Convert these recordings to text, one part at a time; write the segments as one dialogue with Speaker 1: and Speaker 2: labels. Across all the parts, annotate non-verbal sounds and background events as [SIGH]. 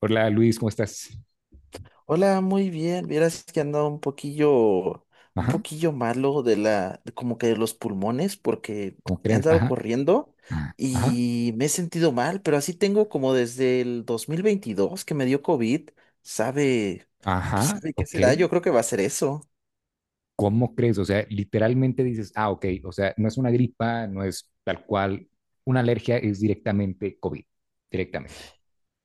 Speaker 1: Hola Luis, ¿cómo estás?
Speaker 2: Hola, muy bien. Vieras que andaba un poquillo, un
Speaker 1: Ajá,
Speaker 2: poquillo malo de la, de como que de los pulmones, porque
Speaker 1: ¿cómo
Speaker 2: he
Speaker 1: crees?
Speaker 2: andado
Speaker 1: Ajá,
Speaker 2: corriendo
Speaker 1: ajá, ajá,
Speaker 2: y me he sentido mal, pero así tengo como desde el 2022 que me dio COVID. Sabe, pues
Speaker 1: ajá,
Speaker 2: sabe qué
Speaker 1: ok.
Speaker 2: será. Yo creo que va a ser eso.
Speaker 1: ¿Cómo crees? O sea, literalmente dices, ah, ok, o sea, no es una gripa, no es tal cual, una alergia es directamente COVID, directamente.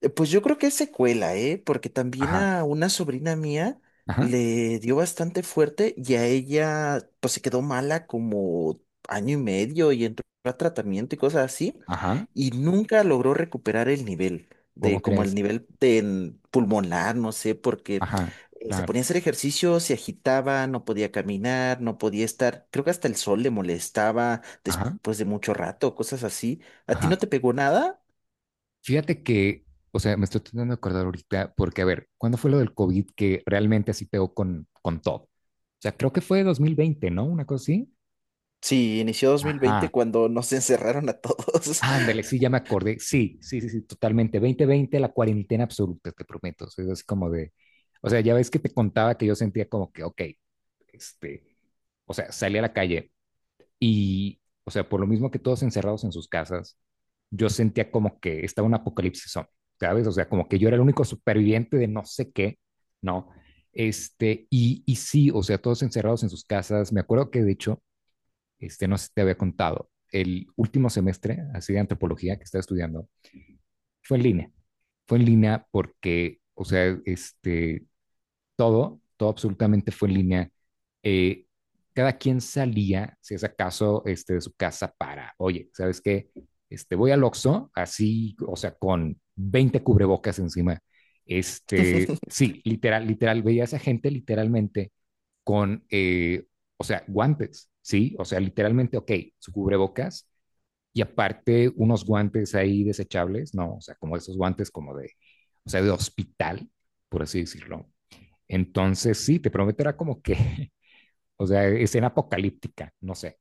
Speaker 2: Pues yo creo que es secuela, ¿eh? Porque también
Speaker 1: Ajá,
Speaker 2: a una sobrina mía
Speaker 1: ajá,
Speaker 2: le dio bastante fuerte y a ella pues se quedó mala como año y medio y entró a tratamiento y cosas así
Speaker 1: ajá,
Speaker 2: y nunca logró recuperar el nivel
Speaker 1: ¿cómo
Speaker 2: de como el
Speaker 1: crees?
Speaker 2: nivel de en pulmonar, no sé, porque
Speaker 1: Ajá,
Speaker 2: se
Speaker 1: claro,
Speaker 2: ponía a hacer ejercicio, se agitaba, no podía caminar, no podía estar, creo que hasta el sol le molestaba
Speaker 1: ajá,
Speaker 2: después de mucho rato, cosas así. ¿A ti
Speaker 1: ajá.
Speaker 2: no te pegó nada?
Speaker 1: Fíjate que, o sea, me estoy tratando de acordar ahorita, porque a ver, ¿cuándo fue lo del COVID que realmente así pegó con todo? O sea, creo que fue 2020, ¿no? Una cosa así.
Speaker 2: Sí, inició 2020
Speaker 1: Ajá.
Speaker 2: cuando nos [LAUGHS] encerraron a todos. [LAUGHS]
Speaker 1: Ándale, sí, ya me acordé. Sí, sí, sí, sí, totalmente. 2020, la cuarentena absoluta, te prometo. O sea, es así como de, o sea, ya ves que te contaba que yo sentía como que, ok, este, o sea, salí a la calle y, o sea, por lo mismo que todos encerrados en sus casas, yo sentía como que estaba un apocalipsis zombie, ¿sabes? O sea, como que yo era el único superviviente de no sé qué, ¿no? Y sí, o sea, todos encerrados en sus casas. Me acuerdo que de hecho, no sé si te había contado, el último semestre, así de antropología que estaba estudiando, fue en línea. Fue en línea porque, o sea, todo, todo absolutamente fue en línea. Eh, Cada quien salía, si es acaso, de su casa para, oye, ¿sabes qué? Voy al Oxxo, así, o sea, con 20 cubrebocas encima. Sí, literal, literal, veía a esa gente literalmente con, o sea, guantes, ¿sí? O sea, literalmente, ok, su cubrebocas y aparte unos guantes ahí desechables, ¿no? O sea, como esos guantes como de, o sea, de hospital, por así decirlo. Entonces, sí, te prometo, era como que, [LAUGHS] o sea, escena apocalíptica, no sé.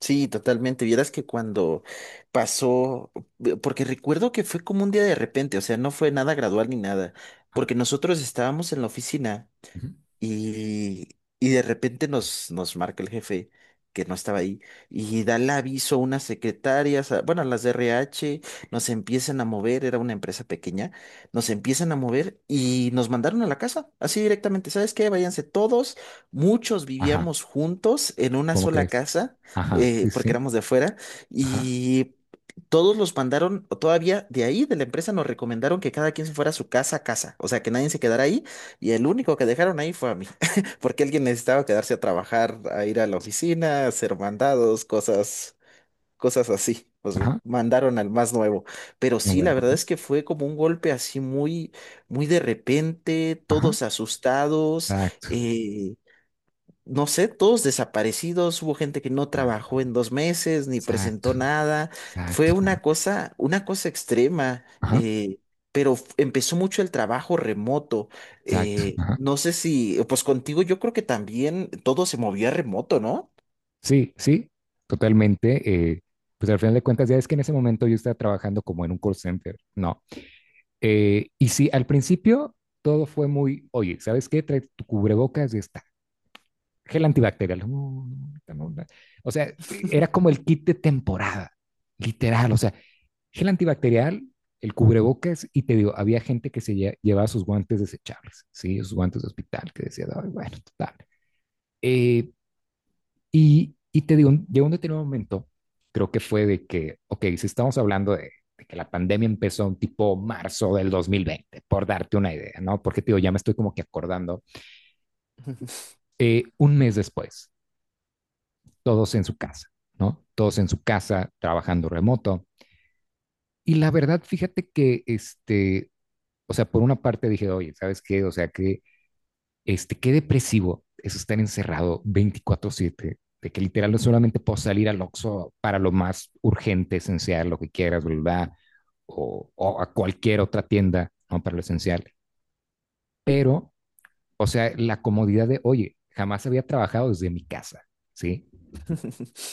Speaker 2: Sí, totalmente. Vieras que cuando pasó, porque recuerdo que fue como un día de repente, o sea, no fue nada gradual ni nada,
Speaker 1: Ajá,
Speaker 2: porque nosotros estábamos en la oficina.
Speaker 1: ujú,
Speaker 2: Y, y de repente nos marca el jefe que no estaba ahí y da el aviso a unas secretarias, bueno, a las de RH, nos empiezan a mover, era una empresa pequeña, nos empiezan a mover y nos mandaron a la casa, así directamente. ¿Sabes qué? Váyanse todos, muchos
Speaker 1: ajá,
Speaker 2: vivíamos juntos en una
Speaker 1: ¿cómo
Speaker 2: sola
Speaker 1: crees?
Speaker 2: casa,
Speaker 1: Ajá, sí,
Speaker 2: porque
Speaker 1: sí,
Speaker 2: éramos de afuera,
Speaker 1: ajá,
Speaker 2: y todos los mandaron, o todavía de ahí, de la empresa, nos recomendaron que cada quien se fuera a su casa a casa, o sea, que nadie se quedara ahí y el único que dejaron ahí fue a mí, [LAUGHS] porque alguien necesitaba quedarse a trabajar, a ir a la oficina, a hacer mandados, cosas así. Pues
Speaker 1: ajá,
Speaker 2: mandaron al más nuevo. Pero
Speaker 1: no,
Speaker 2: sí,
Speaker 1: bueno,
Speaker 2: la verdad
Speaker 1: ajá,
Speaker 2: es que fue como un golpe así muy, muy de repente,
Speaker 1: ajá,
Speaker 2: todos asustados.
Speaker 1: exacto,
Speaker 2: eh, no sé, todos desaparecidos, hubo gente que no
Speaker 1: ah,
Speaker 2: trabajó en 2 meses, ni
Speaker 1: exacto,
Speaker 2: presentó nada, fue
Speaker 1: exacto, ajá,
Speaker 2: una cosa, extrema,
Speaker 1: ajá,
Speaker 2: pero empezó mucho el trabajo remoto,
Speaker 1: exacto, ajá.
Speaker 2: no sé si, pues contigo yo creo que también todo se movía remoto, ¿no?
Speaker 1: Sí, sí, totalmente. Pues al final de cuentas, ya es que en ese momento yo estaba trabajando como en un call center, ¿no? Y sí, al principio todo fue muy, oye, ¿sabes qué? Trae tu cubrebocas y está. Gel antibacterial. No, no, ahorita no, no. O sea, era como el kit de temporada, literal. O sea, gel antibacterial, el cubrebocas, y te digo, había gente que se llevaba sus guantes desechables, ¿sí? Sus guantes de hospital, que decía, "Ay, bueno, total. Eh, y te digo, llegó un determinado momento, creo que fue de que, ok, si estamos hablando de que la pandemia empezó un tipo marzo del 2020 por darte una idea, ¿no? Porque te digo, ya me estoy como que acordando,
Speaker 2: [LAUGHS]
Speaker 1: un mes después, todos en su casa, ¿no? Todos en su casa, trabajando remoto. Y la verdad, fíjate que, o sea, por una parte dije, oye, ¿sabes qué? O sea, que qué depresivo es estar encerrado 24/7 de que literal no solamente puedo salir al Oxxo para lo más urgente, esencial, lo que quieras, ¿verdad? O a cualquier otra tienda, ¿no? Para lo esencial. Pero, o sea, la comodidad de, oye, jamás había trabajado desde mi casa, ¿sí?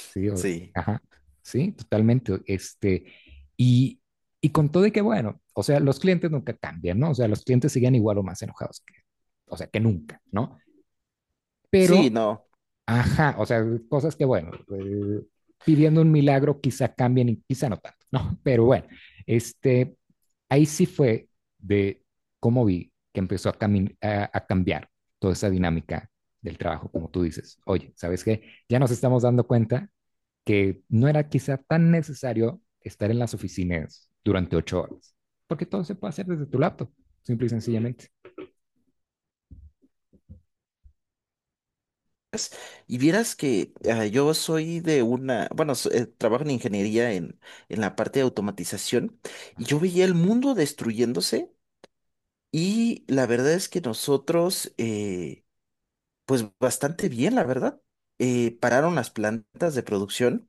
Speaker 1: Sí, o,
Speaker 2: Sí.
Speaker 1: ajá, sí, totalmente. Y, y con todo de que, bueno, o sea, los clientes nunca cambian, ¿no? O sea, los clientes siguen igual o más enojados que, o sea, que nunca, ¿no?
Speaker 2: Sí,
Speaker 1: Pero
Speaker 2: no.
Speaker 1: ajá, o sea, cosas que, bueno, pidiendo un milagro quizá cambien y quizá no tanto, ¿no? [LAUGHS] Pero bueno, este, ahí sí fue de cómo vi que empezó a cambiar toda esa dinámica del trabajo, como tú dices. Oye, ¿sabes qué? Ya nos estamos dando cuenta que no era quizá tan necesario estar en las oficinas durante 8 horas, porque todo se puede hacer desde tu laptop, simple y sencillamente.
Speaker 2: Y vieras que ah, yo soy de una, bueno, trabajo en ingeniería en la parte de automatización y
Speaker 1: Ajá,
Speaker 2: yo veía el mundo destruyéndose. Y la verdad es que nosotros, pues bastante bien, la verdad. Pararon las plantas de producción,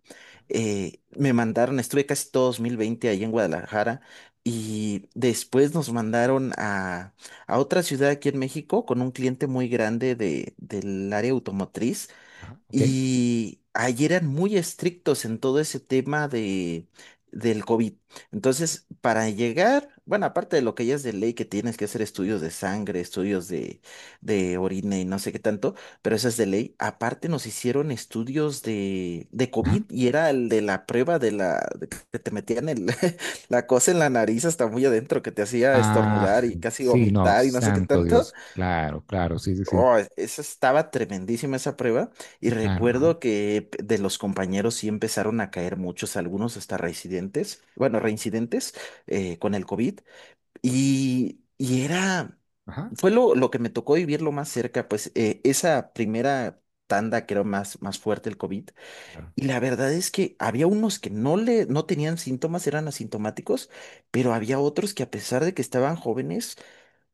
Speaker 2: me mandaron, estuve casi todo 2020 ahí en Guadalajara y después nos mandaron a otra ciudad aquí en México con un cliente muy grande del área automotriz
Speaker 1: ajá, ok,
Speaker 2: y ahí eran muy estrictos en todo ese tema del COVID. Entonces, para llegar, bueno, aparte de lo que ya es de ley, que tienes que hacer estudios de sangre, estudios de orina y no sé qué tanto, pero eso es de ley. Aparte nos hicieron estudios de
Speaker 1: ajá.
Speaker 2: COVID y era el de la prueba de la, de que te metían el, [LAUGHS] la cosa en la nariz hasta muy adentro, que te hacía
Speaker 1: Ah,
Speaker 2: estornudar y casi
Speaker 1: sí, no,
Speaker 2: vomitar y no sé qué
Speaker 1: santo
Speaker 2: tanto.
Speaker 1: Dios. Claro, claro, sí, sí, sí,
Speaker 2: Oh, esa estaba tremendísima esa prueba y
Speaker 1: sí, claro. Ajá,
Speaker 2: recuerdo que de los compañeros sí empezaron a caer muchos, algunos hasta reincidentes, bueno, reincidentes con el COVID y, era,
Speaker 1: ajá,
Speaker 2: fue lo que me tocó vivir lo más cerca, pues esa primera tanda que era más, más fuerte el COVID
Speaker 1: claro,
Speaker 2: y la verdad es que había unos que no tenían síntomas, eran asintomáticos, pero había otros que a pesar de que estaban jóvenes,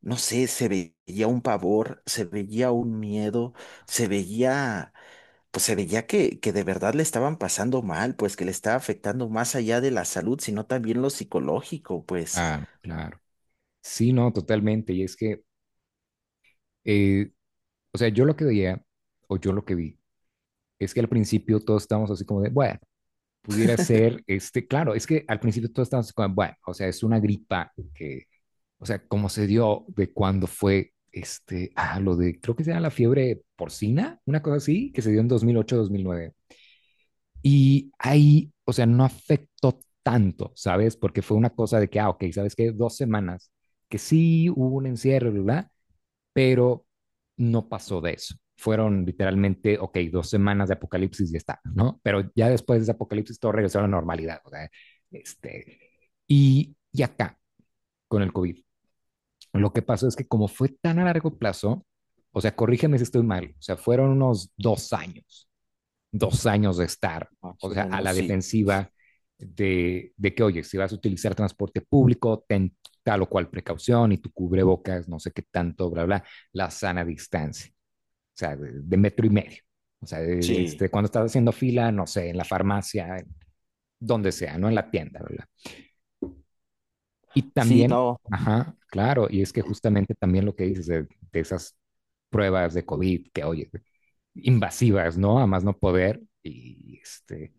Speaker 2: no sé, se veía un pavor, se veía un miedo, se veía, pues se veía que, de verdad le estaban pasando mal, pues que le estaba afectando más allá de la salud, sino también lo psicológico, pues.
Speaker 1: claro, claro. Sí, no, totalmente. Y es que, eh, o sea, yo lo que veía, o yo lo que vi, es que al principio todos estábamos así como de, bueno, pudiera ser, claro, es que al principio todos estábamos así como, bueno, o sea, es una gripa que, o sea, como se dio de cuando fue, ah, lo de, creo que se llama la fiebre porcina, una cosa así, que se dio en dos mil ocho, 2009. Y ahí, o sea, no afectó tanto, ¿sabes? Porque fue una cosa de que, ah, ok, ¿sabes qué? 2 semanas que sí hubo un encierro, ¿verdad? Pero no pasó de eso. Fueron literalmente, ok, 2 semanas de apocalipsis y ya está, ¿no? Pero ya después de ese apocalipsis todo regresó a la normalidad, o sea, este, y, acá, con el COVID, lo que pasó es que como fue tan a largo plazo, o sea, corrígeme si estoy mal, o sea, fueron unos dos años de estar,
Speaker 2: Más
Speaker 1: o
Speaker 2: o
Speaker 1: sea, a
Speaker 2: menos,
Speaker 1: la
Speaker 2: sí.
Speaker 1: defensiva de, que, oye, si vas a utilizar transporte público, ten tal o cual precaución y tu cubrebocas, no sé qué tanto, bla, bla, la sana distancia, o sea, de metro y medio. O sea,
Speaker 2: Sí,
Speaker 1: cuando estás haciendo fila, no sé, en la farmacia, donde sea, no en la tienda, ¿verdad? Y
Speaker 2: sí,
Speaker 1: también,
Speaker 2: no.
Speaker 1: ajá, claro, y es que justamente también lo que dices de esas pruebas de COVID que, oye, invasivas, ¿no? A más no poder, y este,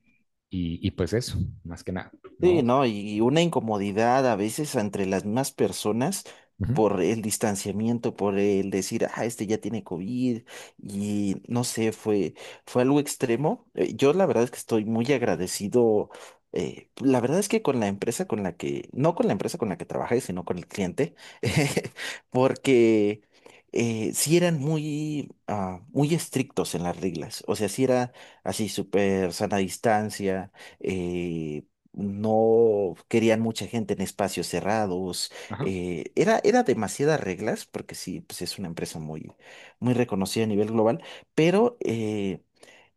Speaker 1: Y, y pues eso, más que nada, ¿no?
Speaker 2: Sí,
Speaker 1: O sea,
Speaker 2: ¿no? Y una incomodidad a veces entre las mismas personas
Speaker 1: ujú,
Speaker 2: por el distanciamiento, por el decir, ah, este ya tiene COVID y no sé, fue algo extremo. Yo la verdad es que estoy muy agradecido. La verdad es que con la empresa con la que, no con la empresa con la que trabajé, sino con el cliente, [LAUGHS] porque sí eran muy, muy estrictos en las reglas. O sea, sí era así súper sana distancia. eh, no querían mucha gente en espacios cerrados.
Speaker 1: ajá,
Speaker 2: Era demasiadas reglas, porque sí, pues es una empresa muy, muy reconocida a nivel global, pero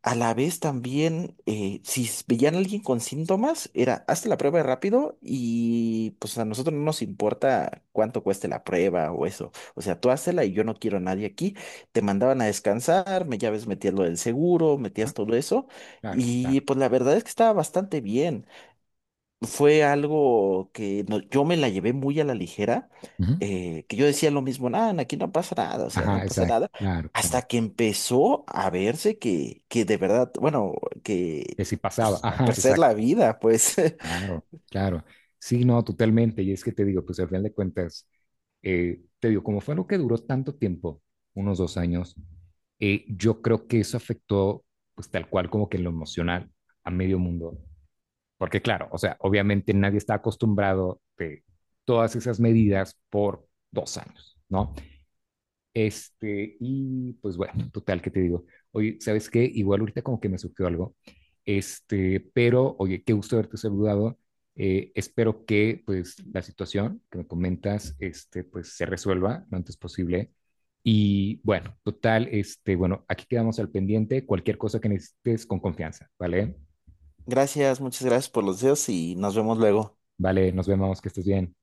Speaker 2: a la vez también, si veían a alguien con síntomas, era hazte la prueba rápido y pues a nosotros no nos importa cuánto cueste la prueba o eso. O sea, tú hazla y yo no quiero a nadie aquí. Te mandaban a descansar, ya ves, metías lo del seguro,
Speaker 1: ajá,
Speaker 2: metías todo eso.
Speaker 1: claro,
Speaker 2: Y
Speaker 1: claro.
Speaker 2: pues la verdad es que estaba bastante bien. Fue algo que yo me la llevé muy a la ligera,
Speaker 1: Ujú,
Speaker 2: que yo decía lo mismo, nada, aquí no pasa nada, o sea,
Speaker 1: ajá,
Speaker 2: no pasa
Speaker 1: exacto,
Speaker 2: nada,
Speaker 1: claro, claro.
Speaker 2: hasta que empezó a verse que, de verdad, bueno, que
Speaker 1: Que si pasaba,
Speaker 2: pues a
Speaker 1: ajá,
Speaker 2: perder
Speaker 1: exacto,
Speaker 2: la vida, pues. [LAUGHS]
Speaker 1: claro, claro. Sí, no, totalmente. Y es que te digo, pues al final de cuentas, te digo, como fue algo que duró tanto tiempo, unos dos años, yo creo que eso afectó, pues tal cual como que en lo emocional a medio mundo. Porque claro, o sea, obviamente nadie está acostumbrado de todas esas medidas por 2 años, ¿no? Y pues bueno, total, ¿qué te digo? Oye, ¿sabes qué? Igual ahorita como que me surgió algo. Pero oye, qué gusto haberte saludado. Espero que pues la situación que me comentas, pues se resuelva lo antes posible. Y bueno, total, bueno, aquí quedamos al pendiente. Cualquier cosa que necesites con confianza, ¿vale?
Speaker 2: Gracias, muchas gracias por los deseos y nos vemos luego.
Speaker 1: Vale, nos vemos, que estés bien.